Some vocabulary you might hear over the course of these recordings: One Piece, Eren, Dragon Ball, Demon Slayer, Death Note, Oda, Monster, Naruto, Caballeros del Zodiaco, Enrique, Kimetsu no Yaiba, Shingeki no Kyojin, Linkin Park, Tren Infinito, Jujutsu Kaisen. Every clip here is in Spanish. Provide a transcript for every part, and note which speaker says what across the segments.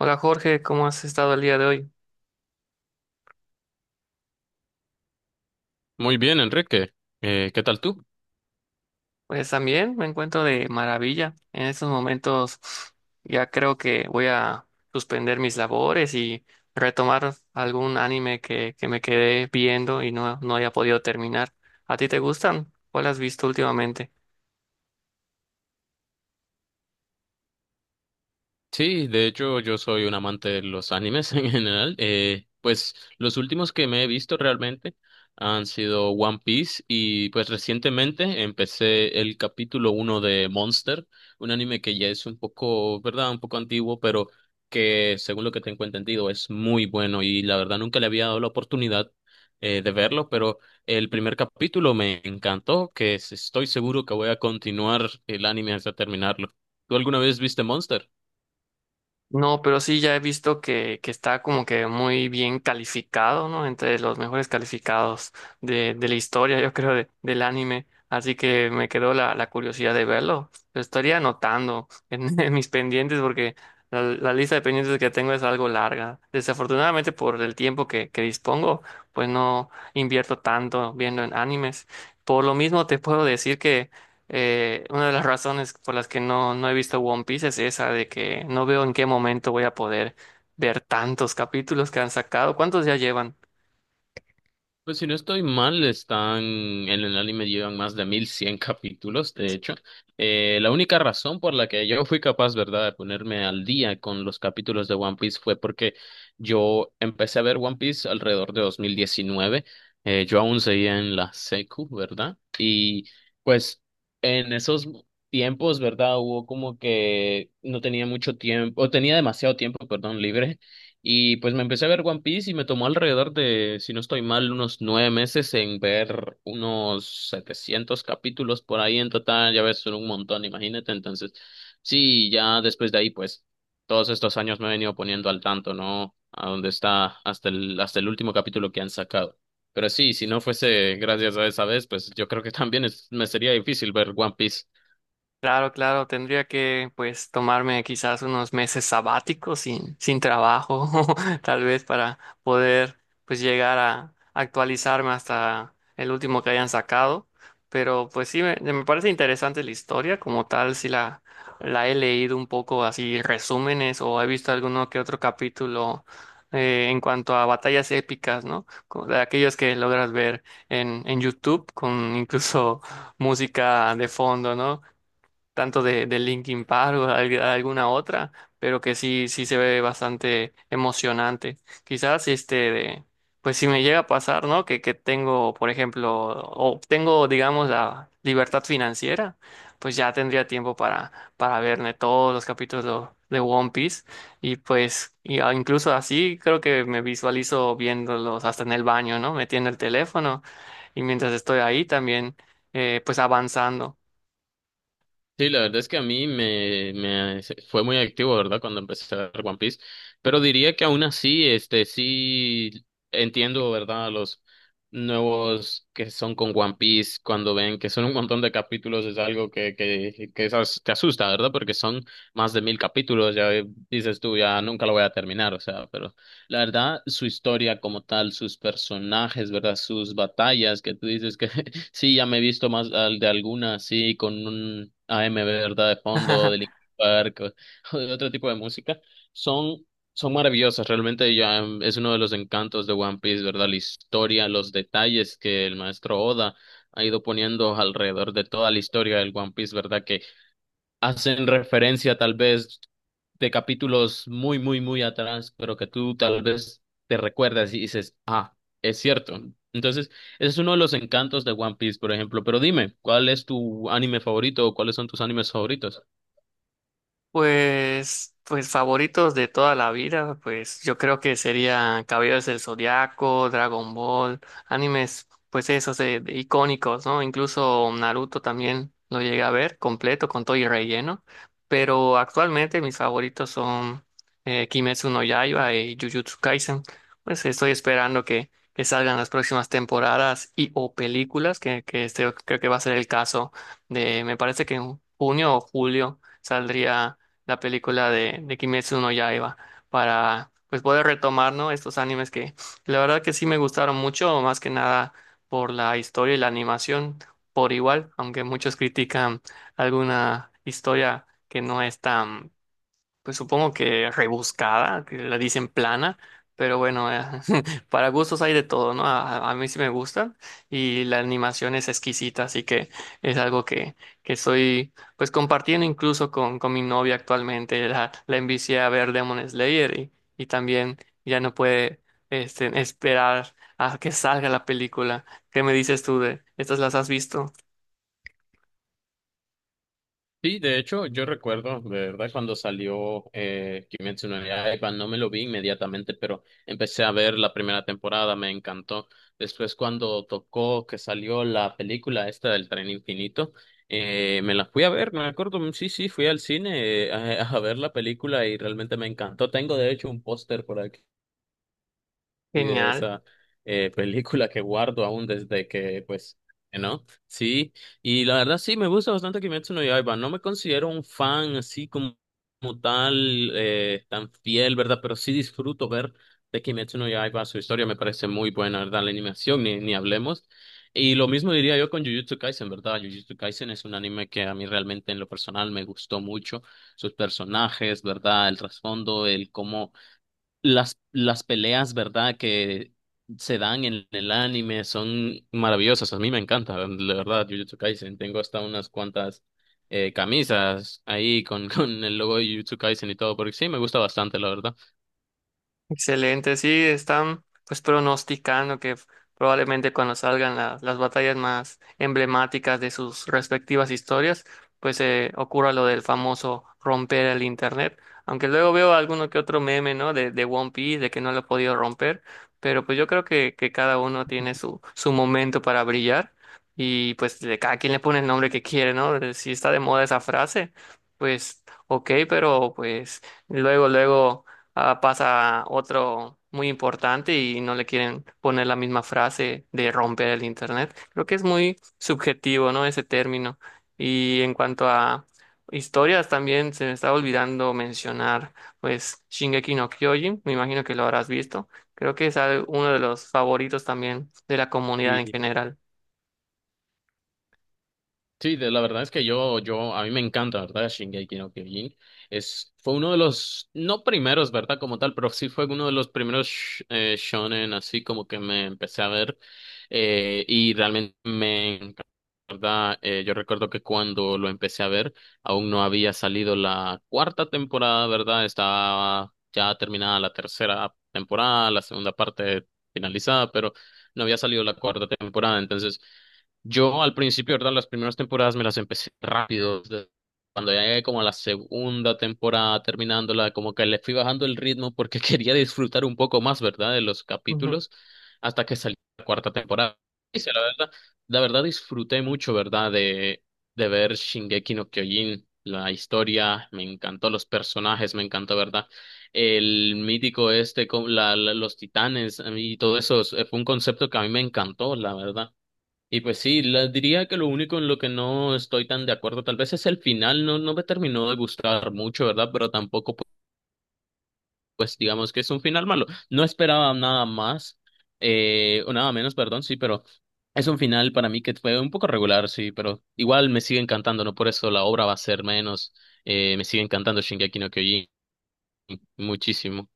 Speaker 1: Hola Jorge, ¿cómo has estado el día de hoy?
Speaker 2: Muy bien, Enrique. ¿Qué tal tú?
Speaker 1: Pues también me encuentro de maravilla. En estos momentos ya creo que voy a suspender mis labores y retomar algún anime que me quedé viendo y no haya podido terminar. ¿A ti te gustan? ¿Cuál has visto últimamente?
Speaker 2: Sí, de hecho yo soy un amante de los animes en general. Pues los últimos que me he visto realmente han sido One Piece, y pues recientemente empecé el capítulo uno de Monster, un anime que ya es un poco, ¿verdad? Un poco antiguo, pero que según lo que tengo entendido es muy bueno y la verdad nunca le había dado la oportunidad de verlo, pero el primer capítulo me encantó, estoy seguro que voy a continuar el anime hasta terminarlo. ¿Tú alguna vez viste Monster?
Speaker 1: No, pero sí ya he visto que está como que muy bien calificado, ¿no? Entre los mejores calificados de la historia, yo creo, del anime. Así que me quedó la curiosidad de verlo. Lo estaría anotando en, en mis pendientes porque la lista de pendientes que tengo es algo larga. Desafortunadamente por el tiempo que dispongo, pues no invierto tanto viendo en animes. Por lo mismo te puedo decir una de las razones por las que no he visto One Piece es esa de que no veo en qué momento voy a poder ver tantos capítulos que han sacado. ¿Cuántos ya llevan?
Speaker 2: Pues si no estoy mal, están en el anime, llevan más de 1.100 capítulos, de hecho. La única razón por la que yo fui capaz, ¿verdad?, de ponerme al día con los capítulos de One Piece fue porque yo empecé a ver One Piece alrededor de 2019. Yo aún seguía en la secu, ¿verdad? Y pues en esos tiempos, ¿verdad?, hubo como que no tenía mucho tiempo, o tenía demasiado tiempo, perdón, libre, y pues me empecé a ver One Piece y me tomó alrededor de, si no estoy mal, unos 9 meses en ver unos 700 capítulos por ahí en total. Ya ves, son un montón, imagínate. Entonces, sí, ya después de ahí, pues todos estos años me he venido poniendo al tanto, ¿no? A dónde está hasta hasta el último capítulo que han sacado. Pero sí, si no fuese gracias a esa vez, pues yo creo que también me sería difícil ver One Piece.
Speaker 1: Claro, claro, tendría que pues tomarme quizás unos meses sabáticos sin trabajo, tal vez para poder pues llegar a actualizarme hasta el último que hayan sacado. Pero pues sí, me parece interesante la historia, como tal, si la he leído un poco así resúmenes o he visto alguno que otro capítulo en cuanto a batallas épicas, ¿no? De aquellos que logras ver en YouTube con incluso música de fondo, ¿no? Tanto de Linkin Park o alguna otra, pero que sí, sí se ve bastante emocionante. Quizás pues si me llega a pasar, ¿no? Que tengo, por ejemplo, o tengo, digamos, la libertad financiera, pues ya tendría tiempo para verme todos los capítulos de One Piece. Y pues, incluso así creo que me visualizo viéndolos hasta en el baño, ¿no? Metiendo el teléfono y mientras estoy ahí también, pues avanzando.
Speaker 2: Sí, la verdad es que a mí me fue muy activo, ¿verdad? Cuando empecé a ver One Piece. Pero diría que aún así, este, sí entiendo, ¿verdad? A los nuevos que son con One Piece, cuando ven que son un montón de capítulos, es algo que te asusta, ¿verdad? Porque son más de 1.000 capítulos, ya dices tú, ya nunca lo voy a terminar, o sea, pero la verdad, su historia como tal, sus personajes, ¿verdad? Sus batallas, que tú dices que sí, ya me he visto más al de alguna, sí, con un A AM, ¿verdad? De fondo, de Linkin Park, o de otro tipo de música. Son, son maravillosas, realmente ya es uno de los encantos de One Piece, ¿verdad? La historia, los detalles que el maestro Oda ha ido poniendo alrededor de toda la historia del One Piece, ¿verdad?, hacen referencia tal vez de capítulos muy, muy, muy atrás, pero que tú tal vez te recuerdas y dices, ah, es cierto. Entonces, ese es uno de los encantos de One Piece, por ejemplo. Pero dime, ¿cuál es tu anime favorito o cuáles son tus animes favoritos?
Speaker 1: Pues, pues favoritos de toda la vida, pues yo creo que serían Caballeros del Zodiaco, Dragon Ball, animes, pues esos de icónicos, ¿no? Incluso Naruto también lo llegué a ver completo con todo y relleno, pero actualmente mis favoritos son Kimetsu no Yaiba y Jujutsu Kaisen. Pues estoy esperando que salgan las próximas temporadas y o películas, que este creo que va a ser el caso de, me parece que en junio o julio saldría la película de Kimetsu no Yaiba para pues poder retomar, ¿no? Estos animes que la verdad que sí me gustaron mucho, más que nada por la historia y la animación por igual, aunque muchos critican alguna historia que no es tan pues supongo que rebuscada, que la dicen plana, pero bueno, para gustos hay de todo, ¿no? A mí sí me gusta y la animación es exquisita, así que es algo que estoy pues compartiendo incluso con mi novia actualmente. La envicié a ver Demon Slayer y también ya no puede esperar a que salga la película. ¿Qué me dices tú de estas? ¿Las has visto?
Speaker 2: Sí, de hecho, yo recuerdo, de verdad, cuando salió Kimetsu no Yaiba, no me lo vi inmediatamente, pero empecé a ver la primera temporada, me encantó. Después, cuando tocó que salió la película esta del Tren Infinito, me la fui a ver, me acuerdo, mm, sí, sí, fui al cine a ver la película y realmente me encantó. Tengo, de hecho, un póster por aquí y de
Speaker 1: Genial.
Speaker 2: esa película que guardo aún desde que, pues, ¿no? Sí, y la verdad sí, me gusta bastante Kimetsu no Yaiba. No me considero un fan así como, como tal, tan fiel, ¿verdad? Pero sí disfruto ver de Kimetsu no Yaiba. Su historia me parece muy buena, ¿verdad? La animación, ni hablemos. Y lo mismo diría yo con Jujutsu Kaisen, ¿verdad? Jujutsu Kaisen es un anime que a mí realmente en lo personal me gustó mucho. Sus personajes, ¿verdad? El trasfondo, el cómo las peleas, ¿verdad?, que se dan en el anime son maravillosas. A mí me encanta, la verdad, Jujutsu Kaisen. Tengo hasta unas cuantas camisas ahí con, con el logo de Jujutsu Kaisen y todo, porque sí, me gusta bastante, la verdad.
Speaker 1: Excelente, sí, están pues pronosticando que probablemente cuando salgan las batallas más emblemáticas de sus respectivas historias, pues ocurra lo del famoso romper el internet, aunque luego veo alguno que otro meme, ¿no? De One Piece, de que no lo ha podido romper, pero pues yo creo que, cada uno tiene su, su momento para brillar y pues de cada quien le pone el nombre que quiere, ¿no? Si está de moda esa frase, pues ok, pero pues luego, luego ah, pasa otro muy importante y no le quieren poner la misma frase de romper el internet. Creo que es muy subjetivo, ¿no? Ese término. Y en cuanto a historias, también se me está olvidando mencionar, pues, Shingeki no Kyojin, me imagino que lo habrás visto. Creo que es uno de los favoritos también de la comunidad en general.
Speaker 2: Sí, la verdad es que yo, a mí me encanta, ¿verdad? Shingeki no Kyojin. Es, fue uno de los, no primeros, ¿verdad? Como tal, pero sí fue uno de los primeros shonen, así como que me empecé a ver. Y realmente me encanta, ¿verdad? Yo recuerdo que cuando lo empecé a ver, aún no había salido la cuarta temporada, ¿verdad? Estaba ya terminada la tercera temporada, la segunda parte finalizada, pero no había salido la cuarta temporada, entonces. Yo al principio, ¿verdad? Las primeras temporadas me las empecé rápido. Desde Cuando ya llegué como a la segunda temporada terminándola, como que le fui bajando el ritmo porque quería disfrutar un poco más, ¿verdad? De los capítulos hasta que salió la cuarta temporada. Y sí, la verdad, disfruté mucho, ¿verdad? De ver Shingeki no Kyojin. La historia, me encantó, los personajes, me encantó, ¿verdad? El mítico este, con los titanes a y todo eso, fue un concepto que a mí me encantó, la verdad. Y pues sí, diría que lo único en lo que no estoy tan de acuerdo tal vez es el final, no, no me terminó de gustar mucho, ¿verdad? Pero tampoco, pues digamos que es un final malo. No esperaba nada más, o nada menos, perdón, sí, pero es un final para mí que fue un poco regular, sí, pero igual me sigue encantando, ¿no? Por eso la obra va a ser menos, me sigue encantando Shingeki no Kyojin muchísimo.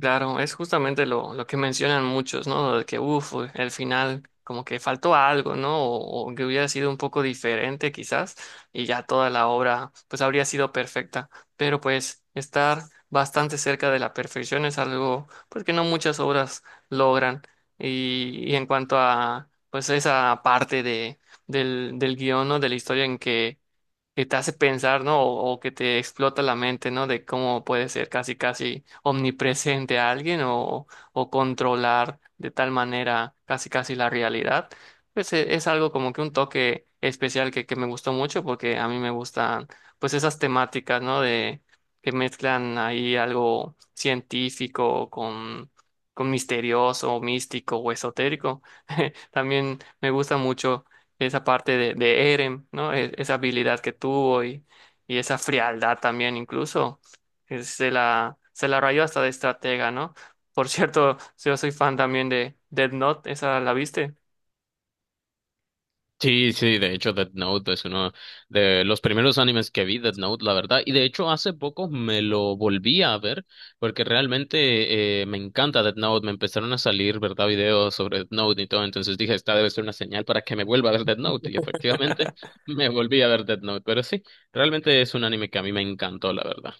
Speaker 1: Claro, es justamente lo que mencionan muchos, ¿no? De que, uff, el final como que faltó algo, ¿no? O que hubiera sido un poco diferente quizás y ya toda la obra pues habría sido perfecta. Pero pues estar bastante cerca de la perfección es algo pues que no muchas obras logran. Y en cuanto a pues esa parte de, del guión, ¿no? De la historia en que te hace pensar, ¿no? O que te explota la mente, ¿no? De cómo puede ser casi, casi omnipresente alguien o controlar de tal manera casi, casi la realidad. Pues es, algo como que un toque especial que me gustó mucho porque a mí me gustan pues esas temáticas, ¿no? De que mezclan ahí algo científico con misterioso, místico o esotérico. También me gusta mucho esa parte de Eren, ¿no? Esa habilidad que tuvo y esa frialdad también incluso, que se la rayó hasta de estratega, ¿no? Por cierto, yo soy fan también de Death Note, ¿esa la viste?
Speaker 2: Sí, sí, de hecho Death Note es uno de los primeros animes que vi, Death Note, la verdad, y de hecho hace poco me lo volví a ver porque realmente me encanta Death Note, me empezaron a salir, ¿verdad?, videos sobre Death Note y todo, entonces dije, esta debe ser una señal para que me vuelva a ver Death Note, y efectivamente me volví a ver Death Note, pero sí, realmente es un anime que a mí me encantó, la verdad.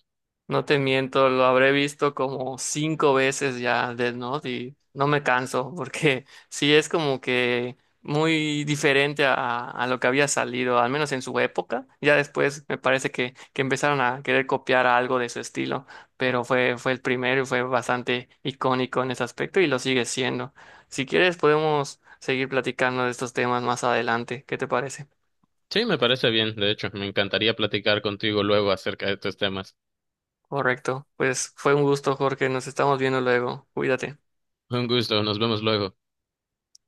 Speaker 1: No te miento, lo habré visto como cinco veces ya Death Note y no me canso porque sí es como que muy diferente a lo que había salido, al menos en su época. Ya después me parece que, empezaron a querer copiar algo de su estilo, pero fue, fue el primero y fue bastante icónico en ese aspecto y lo sigue siendo. Si quieres podemos seguir platicando de estos temas más adelante, ¿qué te parece?
Speaker 2: Sí, me parece bien, de hecho, me encantaría platicar contigo luego acerca de estos temas.
Speaker 1: Correcto, pues fue un gusto, Jorge, nos estamos viendo luego, cuídate.
Speaker 2: Un gusto, nos vemos luego.